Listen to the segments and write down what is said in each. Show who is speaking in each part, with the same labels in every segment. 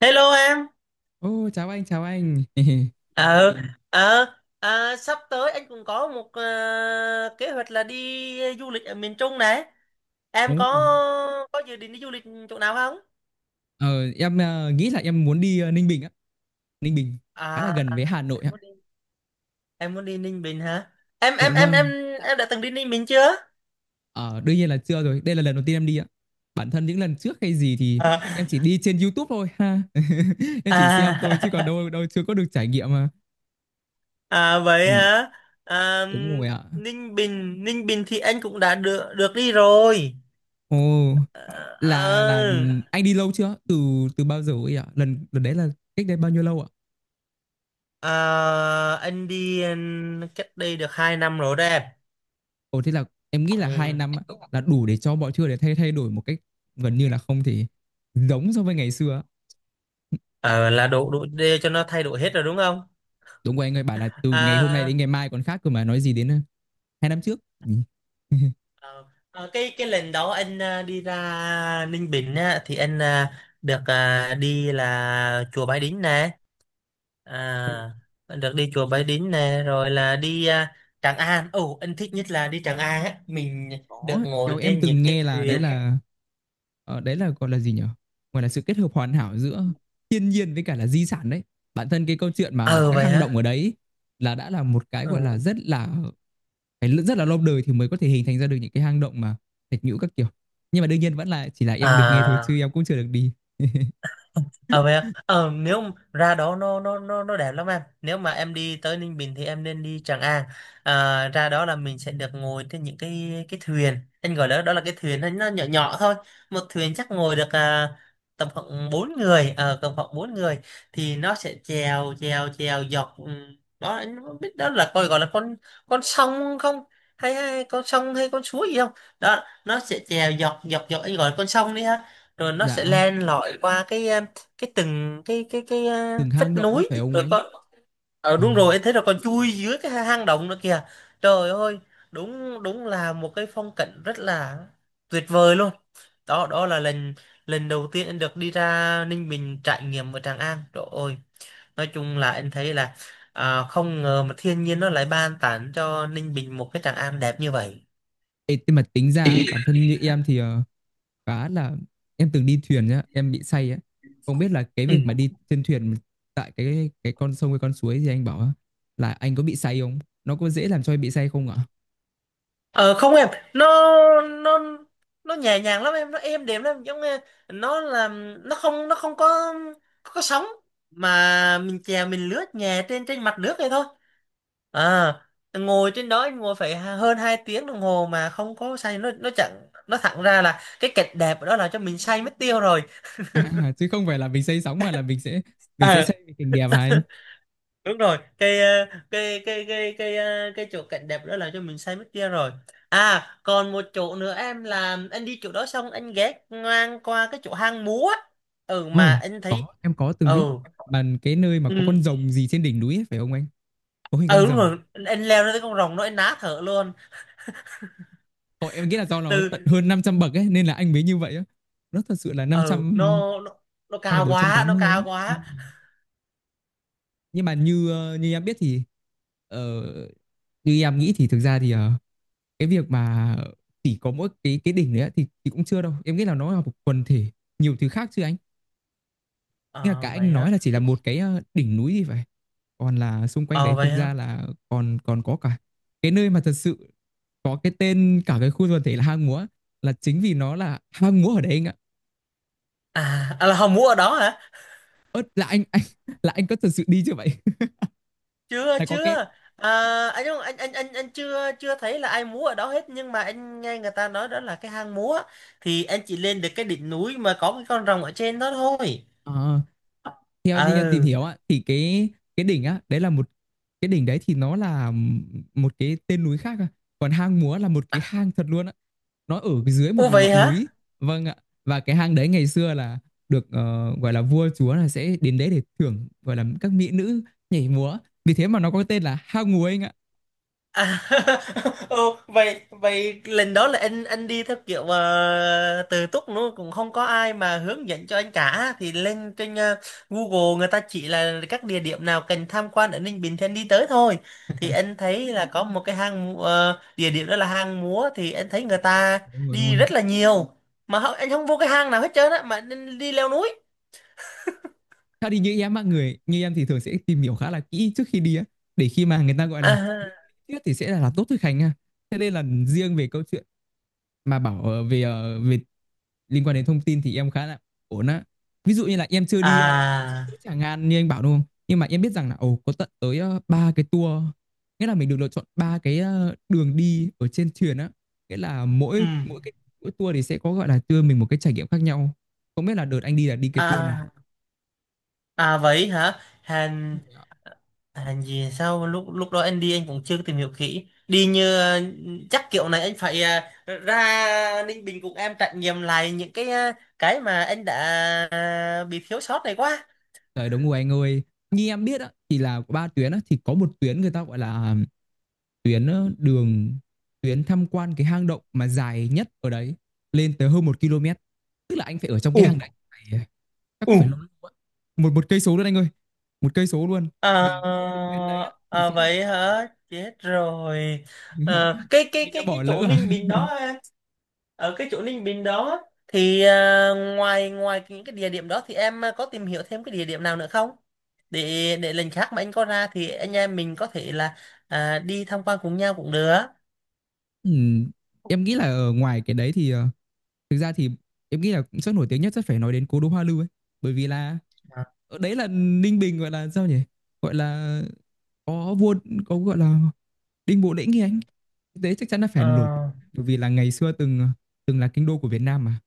Speaker 1: Hello em.
Speaker 2: Ô, chào anh, chào anh.
Speaker 1: Ờ, Ừ. ờ, Sắp tới anh cũng có một kế hoạch là đi du lịch ở miền Trung này.
Speaker 2: Ồ,
Speaker 1: Em có dự định đi du lịch chỗ nào không?
Speaker 2: ờ, em, nghĩ là em muốn đi, Ninh Bình á. Ninh Bình khá là
Speaker 1: À,
Speaker 2: gần với Hà Nội
Speaker 1: em
Speaker 2: ạ.
Speaker 1: muốn đi em muốn đi Ninh Bình hả? Em
Speaker 2: Dạ
Speaker 1: em em em
Speaker 2: vâng,
Speaker 1: em đã từng đi Ninh Bình chưa?
Speaker 2: ờ, đương nhiên là chưa rồi. Đây là lần đầu tiên em đi ạ. Bản thân những lần trước hay gì thì
Speaker 1: À,
Speaker 2: em chỉ đi trên YouTube thôi ha. Em chỉ xem thôi chứ còn
Speaker 1: à,
Speaker 2: đâu đâu chưa có được trải nghiệm mà.
Speaker 1: à vậy
Speaker 2: Ừm,
Speaker 1: hả? À,
Speaker 2: đúng rồi ạ.
Speaker 1: Ninh Bình, Ninh Bình thì anh cũng đã được được đi rồi.
Speaker 2: Ồ,
Speaker 1: Ờ,
Speaker 2: là
Speaker 1: ờ,
Speaker 2: anh đi lâu chưa? Từ từ bao giờ ấy ạ? Lần lần đấy là cách đây bao nhiêu lâu ạ?
Speaker 1: anh đi cách đây được 2 năm rồi đó em.
Speaker 2: Ồ, thế là em nghĩ là hai
Speaker 1: Ừ.
Speaker 2: năm á, là đủ để cho mọi thứ để thay thay đổi một cách gần như là không thể giống so với ngày xưa á.
Speaker 1: Ờ, là đủ đủ để cho nó thay đổi hết rồi đúng không?
Speaker 2: Đúng rồi anh ơi, bảo là từ ngày hôm nay đến
Speaker 1: À,
Speaker 2: ngày mai còn khác cơ mà nói gì đến hai năm trước. Ừ.
Speaker 1: ờ, cái lần đó anh đi ra Ninh Bình á, thì anh à, được à, đi là chùa Bái Đính nè, à, được đi chùa Bái Đính nè, rồi là đi Tràng An. Ồ, anh thích nhất là đi Tràng An á, mình được
Speaker 2: Có,
Speaker 1: ngồi
Speaker 2: theo em
Speaker 1: trên những
Speaker 2: từng
Speaker 1: chiếc
Speaker 2: nghe là đấy
Speaker 1: thuyền.
Speaker 2: là ờ, đấy là gọi là gì nhỉ? Gọi là sự kết hợp hoàn hảo giữa thiên nhiên với cả là di sản đấy. Bản thân cái câu chuyện mà
Speaker 1: Ờ
Speaker 2: các
Speaker 1: vậy
Speaker 2: hang
Speaker 1: hả?
Speaker 2: động ở đấy là đã là một cái
Speaker 1: Ừ.
Speaker 2: gọi là rất là phải rất là lâu đời thì mới có thể hình thành ra được những cái hang động mà thạch nhũ các kiểu, nhưng mà đương nhiên vẫn là chỉ là em được nghe thôi chứ
Speaker 1: À.
Speaker 2: em cũng chưa được đi.
Speaker 1: ờ vậy à? Ờ Nếu mà ra đó nó đẹp lắm em, nếu mà em đi tới Ninh Bình thì em nên đi Tràng An. Ra đó là mình sẽ được ngồi trên những cái thuyền, anh gọi đó đó là cái thuyền, nó nhỏ nhỏ thôi. Một thuyền chắc ngồi được tầm khoảng bốn người, ờ tầm khoảng bốn người, thì nó sẽ chèo chèo chèo dọc. Ừ, Đó anh không biết đó là coi gọi là con sông không, hay con sông hay con suối gì không. Đó nó sẽ chèo dọc dọc dọc, anh gọi là con sông đi ha, rồi nó sẽ
Speaker 2: Dạ,
Speaker 1: len lỏi qua cái từng cái à,
Speaker 2: từng hang
Speaker 1: vách
Speaker 2: động á
Speaker 1: núi
Speaker 2: phải không
Speaker 1: rồi
Speaker 2: anh
Speaker 1: con.
Speaker 2: ờ.
Speaker 1: Đúng rồi em, thấy là còn chui dưới cái hang động nữa kìa, trời ơi, đúng đúng là một cái phong cảnh rất là tuyệt vời luôn. Đó đó là lần lần đầu tiên anh được đi ra Ninh Bình trải nghiệm ở Tràng An, trời ơi, nói chung là anh thấy là không ngờ mà thiên nhiên nó lại ban tặng cho Ninh Bình một cái Tràng An đẹp như vậy.
Speaker 2: Ê, mà tính ra bản thân như em thì khá là em từng đi thuyền nhá, em bị say á, không biết là cái việc mà đi trên thuyền, tại cái con sông hay con suối gì anh bảo á, là anh có bị say không, nó có dễ làm cho em bị say không ạ?
Speaker 1: Ờ không em, nó nó nó nhẹ nhàng lắm em, nó êm đềm lắm, giống như nó là nó không có có sóng, mà mình chèo mình lướt nhẹ trên trên mặt nước này thôi. À, ngồi trên đó em ngồi phải hơn 2 tiếng đồng hồ mà không có say. Nó chẳng, nó thẳng ra là cái cảnh đẹp ở đó là cho mình say mất tiêu rồi.
Speaker 2: À, chứ không phải là mình say sóng mà là mình sẽ say vì cảnh đẹp, hả anh?
Speaker 1: Đúng rồi, cái ờ, cái ờ, cái chỗ cảnh đẹp đó là cho mình say mất kia rồi. À, còn một chỗ nữa em, là anh đi chỗ đó xong anh ghé ngang qua cái chỗ hang múa á. Ừ
Speaker 2: Ồ,
Speaker 1: mà anh
Speaker 2: có,
Speaker 1: thấy.
Speaker 2: em có từng
Speaker 1: ừ
Speaker 2: biết, bàn cái nơi mà có con
Speaker 1: ừ
Speaker 2: rồng gì trên đỉnh núi ấy, phải không anh? Có hình con
Speaker 1: ừ Đúng
Speaker 2: rồng.
Speaker 1: rồi, anh leo ra tới con rồng nó anh ná thở luôn.
Speaker 2: Ồ, em nghĩ là do nó
Speaker 1: từ
Speaker 2: tận hơn 500 bậc ấy nên là anh mới như vậy á. Nó thật sự là năm
Speaker 1: ừ,
Speaker 2: trăm
Speaker 1: nó
Speaker 2: hay là
Speaker 1: cao
Speaker 2: bốn trăm
Speaker 1: quá
Speaker 2: tám
Speaker 1: nó
Speaker 2: mươi á.
Speaker 1: cao
Speaker 2: Ừ.
Speaker 1: quá.
Speaker 2: Nhưng mà như như em biết thì, ờ, như em nghĩ thì thực ra thì cái việc mà chỉ có mỗi cái đỉnh đấy á, thì cũng chưa đâu. Em nghĩ là nó là một quần thể nhiều thứ khác chứ anh. Nghĩa là cả
Speaker 1: Ờ vậy
Speaker 2: anh
Speaker 1: hả
Speaker 2: nói là chỉ là
Speaker 1: Thì-
Speaker 2: một cái đỉnh núi thì phải. Còn là xung quanh đấy
Speaker 1: ờ
Speaker 2: thực
Speaker 1: vậy hả
Speaker 2: ra là còn còn có cả cái nơi mà thật sự có cái tên, cả cái khu quần thể là hang múa, là chính vì nó là hang múa ở đấy anh ạ.
Speaker 1: À, à là hồng múa ở đó hả?
Speaker 2: Ớt là anh là anh có thật sự đi chưa vậy?
Speaker 1: Chưa
Speaker 2: Là có
Speaker 1: chưa.
Speaker 2: cái
Speaker 1: à, anh không, anh chưa chưa thấy là ai múa ở đó hết, nhưng mà anh nghe người ta nói đó là cái hang múa, thì anh chỉ lên được cái đỉnh núi mà có cái con rồng ở trên đó thôi.
Speaker 2: ờ, Theo như em tìm
Speaker 1: Ừ.
Speaker 2: hiểu á thì cái đỉnh á, đấy là một cái đỉnh đấy thì nó là một cái tên núi khác à. Còn hang múa là một
Speaker 1: À,
Speaker 2: cái hang thật luôn á. Nó ở dưới một
Speaker 1: ô vậy
Speaker 2: ngọn
Speaker 1: hả?
Speaker 2: núi. Vâng ạ. Và cái hang đấy ngày xưa là được gọi là vua chúa là sẽ đến đấy để thưởng, gọi là các mỹ nữ nhảy múa, vì thế mà nó có tên là hang múa anh ạ.
Speaker 1: À, ô, vậy vậy lần đó là anh đi theo kiểu tự túc luôn, cũng không có ai mà hướng dẫn cho anh cả, thì lên trên Google người ta chỉ là các địa điểm nào cần tham quan ở Ninh Bình thì anh đi tới thôi. Thì anh thấy là có một cái địa điểm đó là hang múa, thì anh thấy người ta
Speaker 2: Đúng rồi, đúng
Speaker 1: đi
Speaker 2: rồi.
Speaker 1: rất là nhiều, mà anh không vô cái hang nào hết trơn á, mà anh đi leo núi.
Speaker 2: Theo thì như em á, người như em thì thường sẽ tìm hiểu khá là kỹ trước khi đi á, để khi mà người ta gọi là
Speaker 1: à,
Speaker 2: biết thì sẽ là tốt thôi, Khánh ha. Thế nên là riêng về câu chuyện mà bảo về liên quan đến thông tin thì em khá là ổn á. Ví dụ như là em chưa đi
Speaker 1: à
Speaker 2: chỗ Tràng An như anh bảo đúng không, nhưng mà em biết rằng là, ồ, có tận tới ba cái tour, nghĩa là mình được lựa chọn ba cái đường đi ở trên thuyền á, nghĩa là
Speaker 1: ừ
Speaker 2: mỗi mỗi cái mỗi tour thì sẽ có gọi là đưa mình một cái trải nghiệm khác nhau, không biết là đợt anh đi là đi cái tour này.
Speaker 1: à À vậy hả? Hàn Hàn gì, sao lúc lúc đó anh đi anh cũng chưa tìm hiểu kỹ. Đi như chắc kiểu này anh phải ra Ninh Bình cùng em trải nghiệm lại những cái cái mà anh đã bị thiếu sót này quá.
Speaker 2: Trời, đúng rồi anh ơi, như em biết á thì là có ba tuyến á, thì có một tuyến người ta gọi là tuyến ờ, đường tuyến tham quan cái hang động mà dài nhất ở đấy, lên tới hơn 1 km, tức là anh phải ở trong
Speaker 1: Ừ,
Speaker 2: cái hang đấy chắc
Speaker 1: ừ.
Speaker 2: cũng phải lâu lâu. Một một cây số luôn anh ơi, 1 cây số luôn.
Speaker 1: Ờ,
Speaker 2: Và cái tuyến đấy á, thì
Speaker 1: ờ,
Speaker 2: sẽ là...
Speaker 1: Vậy hả? Chết rồi. Cái
Speaker 2: anh đã bỏ
Speaker 1: chỗ
Speaker 2: lỡ à.
Speaker 1: Ninh Bình đó em. Ở cái chỗ Ninh Bình đó thì ngoài ngoài những cái địa điểm đó thì em có tìm hiểu thêm cái địa điểm nào nữa không? Để lần khác mà anh có ra thì anh em mình có thể là đi tham quan cùng nhau cũng được.
Speaker 2: Ừm, em nghĩ là ở ngoài cái đấy thì thực ra thì em nghĩ là cũng rất nổi tiếng nhất, rất phải nói đến cố đô Hoa Lư ấy, bởi vì là
Speaker 1: Ờ,
Speaker 2: ở đấy là Ninh Bình, gọi là sao nhỉ, gọi là có vua, có gọi là Đinh Bộ Lĩnh thì anh thực chắc chắn là phải nổi, bởi vì là ngày xưa từng từng là kinh đô của Việt Nam mà.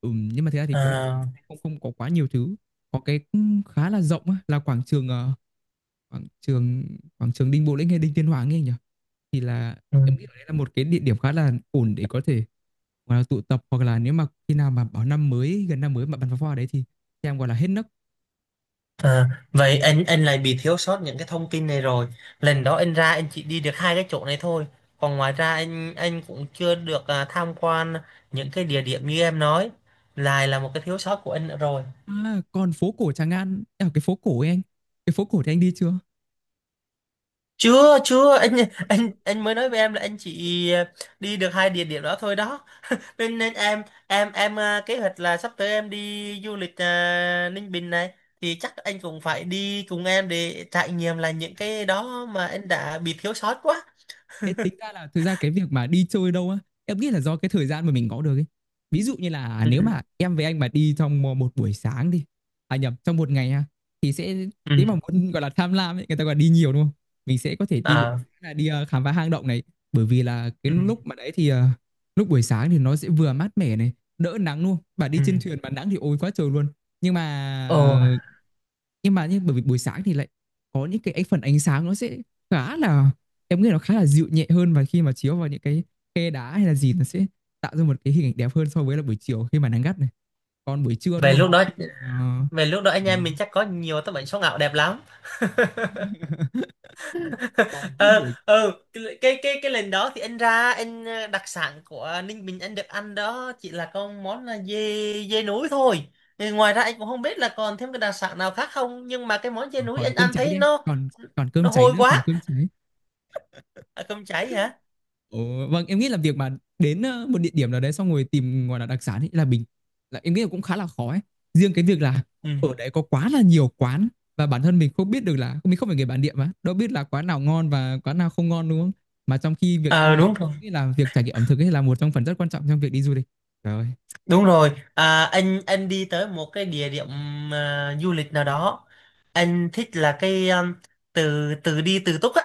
Speaker 2: Ừ, nhưng mà thực ra thì cũng
Speaker 1: ờ,
Speaker 2: không không có quá nhiều thứ, có cái cũng khá là rộng á, là quảng trường ờ, quảng trường quảng trường Đinh Bộ Lĩnh hay Đinh Tiên Hoàng ấy nhỉ, thì là
Speaker 1: ừ.
Speaker 2: em nghĩ ở đấy là một cái địa điểm khá là ổn để có thể gọi là tụ tập, hoặc là nếu mà khi nào mà bảo năm mới, gần năm mới mà bắn pháo hoa ở đấy thì em gọi là hết nấc.
Speaker 1: À, vậy anh lại bị thiếu sót những cái thông tin này rồi. Lần đó anh ra anh chỉ đi được hai cái chỗ này thôi. Còn ngoài ra anh cũng chưa được tham quan những cái địa điểm như em nói. Lại là một cái thiếu sót của anh nữa rồi.
Speaker 2: À, còn phố cổ Tràng An, à, cái phố cổ thì anh đi chưa?
Speaker 1: Chưa chưa anh,
Speaker 2: Ôi trời
Speaker 1: anh
Speaker 2: ơi, chưa
Speaker 1: anh
Speaker 2: đi
Speaker 1: mới
Speaker 2: luôn.
Speaker 1: nói với em là anh chỉ đi được hai địa điểm đó thôi đó. Nên, nên em kế hoạch là sắp tới em đi du lịch Ninh Bình này, thì chắc anh cũng phải đi cùng em để trải nghiệm là những cái đó mà anh đã bị thiếu sót quá.
Speaker 2: Thế tính ra là thực ra cái việc mà đi chơi đâu á, em nghĩ là do cái thời gian mà mình có được ấy. Ví dụ như là nếu mà em với anh mà đi trong một buổi sáng đi, à nhầm, trong một ngày ha, thì sẽ
Speaker 1: Ừ
Speaker 2: nếu mà muốn gọi là tham lam ấy, người ta gọi là đi nhiều đúng không? Mình sẽ có thể đi buổi
Speaker 1: à
Speaker 2: sáng là đi khám phá hang động này, bởi vì là cái
Speaker 1: ừ
Speaker 2: lúc mà đấy thì lúc buổi sáng thì nó sẽ vừa mát mẻ này, đỡ nắng luôn. Bà đi
Speaker 1: ừ
Speaker 2: trên thuyền mà nắng thì ôi quá trời luôn. Nhưng mà,
Speaker 1: ồ
Speaker 2: ờ, nhưng bởi vì buổi sáng thì lại có những cái phần ánh sáng nó sẽ khá là em nghĩ nó khá là dịu nhẹ hơn, và khi mà chiếu vào những cái khe đá hay là gì nó sẽ tạo ra một cái hình ảnh đẹp hơn so với là buổi chiều khi mà nắng gắt này, còn buổi trưa đúng
Speaker 1: Về
Speaker 2: không
Speaker 1: lúc đó,
Speaker 2: khi mà,
Speaker 1: về lúc đó anh
Speaker 2: ờ, ờ,
Speaker 1: em mình chắc có nhiều tấm ảnh số ngạo đẹp lắm.
Speaker 2: còn thế
Speaker 1: ờ
Speaker 2: buổi,
Speaker 1: ờ cái lần đó thì anh ra anh, đặc sản của Ninh Bình anh được ăn đó chỉ là con món là dê dê núi thôi. Thì ngoài ra anh cũng không biết là còn thêm cái đặc sản nào khác không, nhưng mà cái món dê
Speaker 2: ờ,
Speaker 1: núi
Speaker 2: còn
Speaker 1: anh
Speaker 2: cơm
Speaker 1: ăn
Speaker 2: cháy
Speaker 1: thấy
Speaker 2: đi anh. Còn còn
Speaker 1: nó
Speaker 2: cơm cháy
Speaker 1: hôi
Speaker 2: nữa, còn
Speaker 1: quá.
Speaker 2: cơm cháy.
Speaker 1: À, cơm cháy hả?
Speaker 2: Ồ, vâng, em nghĩ là việc mà đến một địa điểm nào đấy xong rồi tìm gọi là đặc sản ấy là bình, là em nghĩ là cũng khá là khó ấy. Riêng cái việc là
Speaker 1: ừ
Speaker 2: ở đấy có quá là nhiều quán, và bản thân mình không biết được là, mình không phải người bản địa mà đâu biết là quán nào ngon và quán nào không ngon đúng không? Mà trong khi việc ăn là
Speaker 1: Đúng rồi.
Speaker 2: nghĩ là việc trải nghiệm ẩm thực ấy là một trong phần rất quan trọng trong việc đi du lịch. Trời ơi,
Speaker 1: Đúng rồi, anh đi tới một cái địa điểm du lịch nào đó, anh thích là cái từ từ đi từ túc á,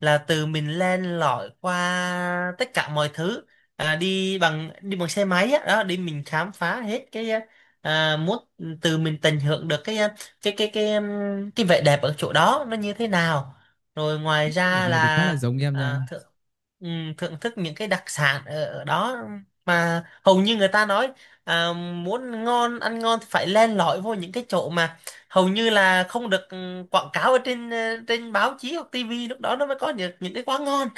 Speaker 1: là từ mình len lỏi qua tất cả mọi thứ, đi bằng xe máy á, đó, đi mình khám phá hết cái à, muốn từ mình tận hưởng được cái cái vẻ đẹp ở chỗ đó nó như thế nào. Rồi ngoài
Speaker 2: cái điểm
Speaker 1: ra
Speaker 2: này thì khá
Speaker 1: là
Speaker 2: là giống em
Speaker 1: à,
Speaker 2: nha.
Speaker 1: thưởng, ừ, thưởng thức những cái đặc sản ở, ở đó, mà hầu như người ta nói, À, muốn ngon ăn ngon thì phải len lỏi vô những cái chỗ mà hầu như là không được quảng cáo ở trên trên báo chí hoặc tivi, lúc đó nó mới có được những cái quán ngon.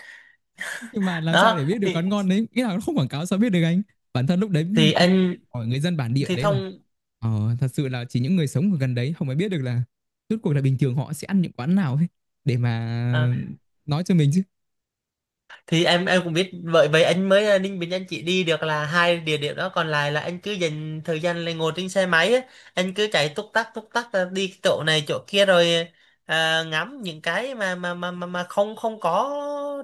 Speaker 2: Nhưng mà làm sao
Speaker 1: Đó
Speaker 2: để biết được quán ngon đấy, nghĩa là nó không quảng cáo sao biết được anh? Bản thân lúc đấy
Speaker 1: thì
Speaker 2: em
Speaker 1: anh
Speaker 2: hỏi người dân bản địa
Speaker 1: thì
Speaker 2: đấy là
Speaker 1: thông
Speaker 2: thật sự là chỉ những người sống ở gần đấy họ mới biết được là rốt cuộc là bình thường họ sẽ ăn những quán nào ấy để
Speaker 1: ờ,
Speaker 2: mà nói cho mình chứ.
Speaker 1: thì Em cũng biết vậy, vậy anh mới Ninh Bình anh chỉ đi được là hai địa điểm đó, còn lại là anh cứ dành thời gian là ngồi trên xe máy á, anh cứ chạy túc tắc túc tắc, đi chỗ này chỗ kia, rồi ngắm những cái mà mà không không có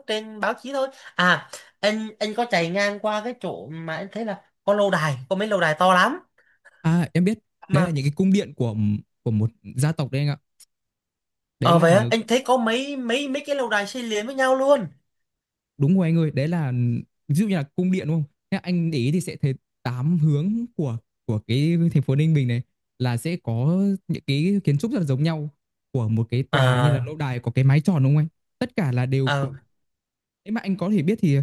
Speaker 1: trên báo chí thôi. à anh có chạy ngang qua cái chỗ mà anh thấy là có lâu đài, có mấy lâu đài to lắm
Speaker 2: À, em biết, đấy là
Speaker 1: mà.
Speaker 2: những cái cung điện của một gia tộc đấy anh ạ. Đấy
Speaker 1: Ờ Vậy
Speaker 2: là...
Speaker 1: á, anh thấy có mấy mấy mấy cái lâu đài xây liền với nhau luôn.
Speaker 2: Đúng rồi anh ơi, đấy là ví dụ như là cung điện đúng không? Thế anh để ý thì sẽ thấy tám hướng của cái thành phố Ninh Bình này là sẽ có những cái kiến trúc rất là giống nhau của một cái tòa như là
Speaker 1: À
Speaker 2: lâu đài có cái mái tròn đúng không anh? Tất cả là đều của,
Speaker 1: à
Speaker 2: nếu mà anh có thể biết thì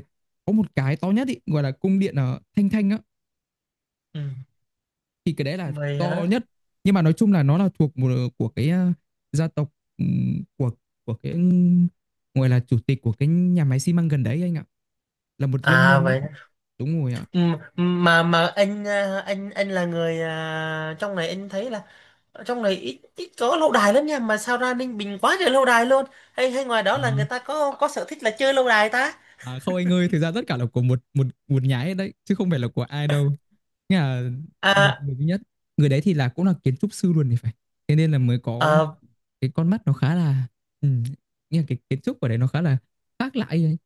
Speaker 2: có một cái to nhất ý, gọi là cung điện ở Thanh Thanh á,
Speaker 1: ừ,
Speaker 2: thì cái đấy là
Speaker 1: vậy
Speaker 2: to
Speaker 1: hả
Speaker 2: nhất, nhưng mà nói chung là nó là thuộc một của cái gia tộc, ừm, của của cái, gọi là chủ tịch của cái nhà máy xi măng gần đấy anh ạ, là một doanh
Speaker 1: à
Speaker 2: nhân á.
Speaker 1: vậy
Speaker 2: Đúng rồi ạ.
Speaker 1: Ừ, mà anh là người trong này, anh thấy là ở trong này ít ít có lâu đài lắm nha, mà sao ra Ninh Bình quá trời lâu đài luôn, hay hay ngoài đó
Speaker 2: Ờ,
Speaker 1: là người ta có sở thích là chơi lâu đài ta.
Speaker 2: à, không anh ơi, thực ra tất cả là của một một một nhà hết đấy, chứ không phải là của ai đâu. Nghĩa là một
Speaker 1: à,
Speaker 2: người duy nhất. Người đấy thì là cũng là kiến trúc sư luôn thì phải. Thế nên là mới có
Speaker 1: à
Speaker 2: cái con mắt nó khá là, ừ, nghĩa là cái kiến trúc ở đấy nó khá là khác lại ấy.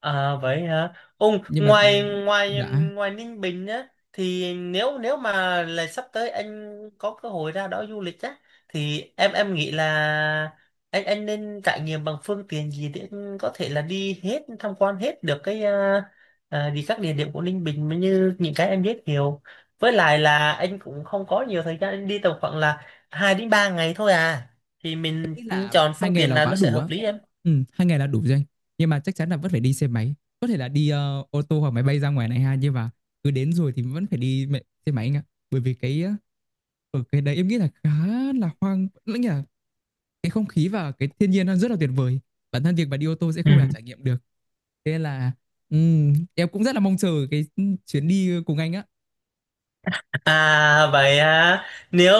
Speaker 1: À vậy hả? Ông
Speaker 2: Nhưng mà,
Speaker 1: ngoài ngoài
Speaker 2: dạ,
Speaker 1: ngoài Ninh Bình á, thì nếu nếu mà là sắp tới anh có cơ hội ra đó du lịch á, thì em nghĩ là anh nên trải nghiệm bằng phương tiện gì để anh có thể là đi hết tham quan hết được cái đi các địa điểm của Ninh Bình mà như những cái em biết nhiều. Với lại là anh cũng không có nhiều thời gian, anh đi tầm khoảng là 2 đến 3 ngày thôi à. Thì
Speaker 2: em
Speaker 1: mình
Speaker 2: nghĩ là
Speaker 1: chọn
Speaker 2: hai
Speaker 1: phương
Speaker 2: ngày
Speaker 1: tiện
Speaker 2: là
Speaker 1: nào
Speaker 2: quá
Speaker 1: nó sẽ
Speaker 2: đủ
Speaker 1: hợp
Speaker 2: á.
Speaker 1: lý em.
Speaker 2: Ừ, 2 ngày là đủ rồi anh. Nhưng mà chắc chắn là vẫn phải đi xe máy. Có thể là đi ô tô hoặc máy bay ra ngoài này ha, nhưng mà cứ đến rồi thì vẫn phải đi xe máy anh ạ. Bởi vì cái Ở cái đấy em nghĩ là khá là hoang lãng nhỉ, cái không khí và cái thiên nhiên nó rất là tuyệt vời, bản thân việc mà đi ô tô sẽ
Speaker 1: Ừ.
Speaker 2: không thể trải nghiệm được, thế nên là em cũng rất là mong chờ cái chuyến đi cùng anh á.
Speaker 1: À vậy à, nếu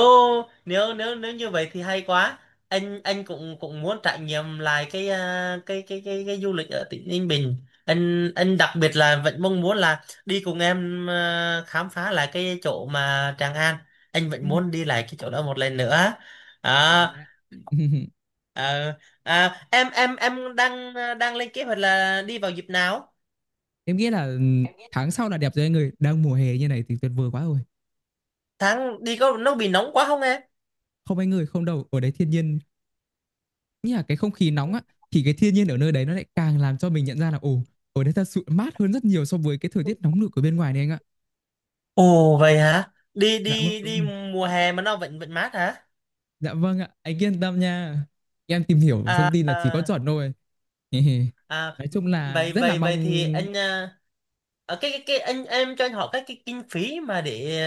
Speaker 1: nếu nếu nếu như vậy thì hay quá. Anh cũng cũng muốn trải nghiệm lại cái cái du lịch ở tỉnh Ninh Bình. Anh đặc biệt là vẫn mong muốn là đi cùng em khám phá lại cái chỗ mà Tràng An, anh vẫn
Speaker 2: Ừm,
Speaker 1: muốn đi lại cái chỗ đó một lần nữa.
Speaker 2: đồng ý
Speaker 1: à,
Speaker 2: ạ.
Speaker 1: à, em em đang đang lên kế hoạch là đi vào dịp nào.
Speaker 2: Em nghĩ là, tháng sau là đẹp rồi anh ơi, đang mùa hè như này thì tuyệt vời quá rồi.
Speaker 1: Tháng đi có nó bị nóng quá không?
Speaker 2: Không anh ơi, không đâu, ở đấy thiên nhiên, như là cái không khí nóng á, thì cái thiên nhiên ở nơi đấy nó lại càng làm cho mình nhận ra là, ồ, ở đấy thật sự mát hơn rất nhiều so với cái thời tiết nóng nực ở bên ngoài này anh ạ.
Speaker 1: Ồ vậy hả? Đi
Speaker 2: Dạ vâng,
Speaker 1: đi
Speaker 2: đúng
Speaker 1: đi
Speaker 2: rồi.
Speaker 1: mùa hè mà nó vẫn vẫn mát hả?
Speaker 2: Dạ vâng ạ, anh yên tâm nha. Em tìm hiểu thông tin là chỉ có
Speaker 1: À,
Speaker 2: chuẩn thôi.
Speaker 1: à
Speaker 2: Nói chung là
Speaker 1: Vậy
Speaker 2: rất là
Speaker 1: vậy
Speaker 2: mong.
Speaker 1: vậy thì anh, à, à, cái anh em cho anh hỏi các cái kinh phí mà để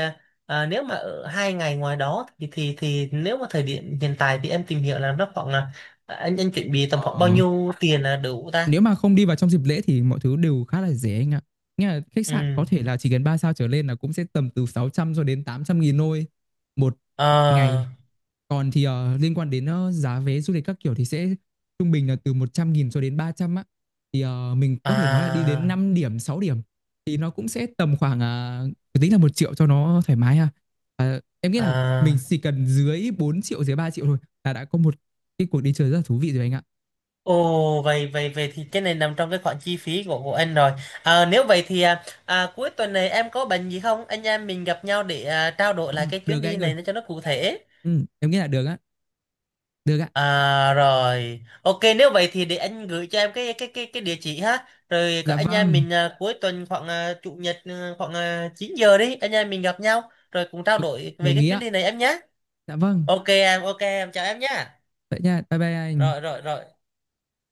Speaker 1: nếu mà ở hai ngày ngoài đó thì thì nếu mà thời điểm hiện tại thì em tìm hiểu là nó khoảng là anh chuẩn bị tầm khoảng
Speaker 2: ờ,
Speaker 1: bao nhiêu tiền là đủ ta?
Speaker 2: Nếu mà không đi vào trong dịp lễ thì mọi thứ đều khá là rẻ anh ạ. Nghĩa là khách sạn có
Speaker 1: Ừ.
Speaker 2: thể là chỉ cần 3 sao trở lên là cũng sẽ tầm từ 600 cho đến 800.000 thôi một ngày.
Speaker 1: À,
Speaker 2: Còn thì, liên quan đến, giá vé du lịch các kiểu thì sẽ trung bình là từ 100.000 cho đến 300 á. Thì, mình có thể nói là đi đến
Speaker 1: à,
Speaker 2: 5 điểm, 6 điểm thì nó cũng sẽ tầm khoảng, à, tính là 1 triệu cho nó thoải mái ha. Ờ, em nghĩ là mình
Speaker 1: à.
Speaker 2: chỉ cần dưới 4 triệu, dưới 3 triệu thôi là đã có một cái cuộc đi chơi rất là thú vị rồi anh ạ.
Speaker 1: Ồ vậy vậy vậy thì cái này nằm trong cái khoản chi phí của anh rồi. À, nếu vậy thì cuối tuần này em có bệnh gì không? Anh em mình gặp nhau để trao đổi lại cái chuyến
Speaker 2: Được
Speaker 1: đi
Speaker 2: anh ơi.
Speaker 1: này nó cho nó cụ thể.
Speaker 2: Em nghĩ là được á, được ạ.
Speaker 1: À rồi. Ok, nếu vậy thì để anh gửi cho em cái địa chỉ ha. Rồi có
Speaker 2: Dạ
Speaker 1: anh em
Speaker 2: vâng,
Speaker 1: mình cuối tuần khoảng chủ nhật khoảng 9 giờ đi, anh em mình gặp nhau rồi cùng trao
Speaker 2: Ok,
Speaker 1: đổi về
Speaker 2: đồng
Speaker 1: cái
Speaker 2: ý
Speaker 1: chuyến
Speaker 2: ạ.
Speaker 1: đi này em nhé.
Speaker 2: Dạ vâng,
Speaker 1: Ok em, ok em, chào em nhé.
Speaker 2: vậy nha. Bye bye
Speaker 1: Rồi
Speaker 2: anh.
Speaker 1: rồi rồi.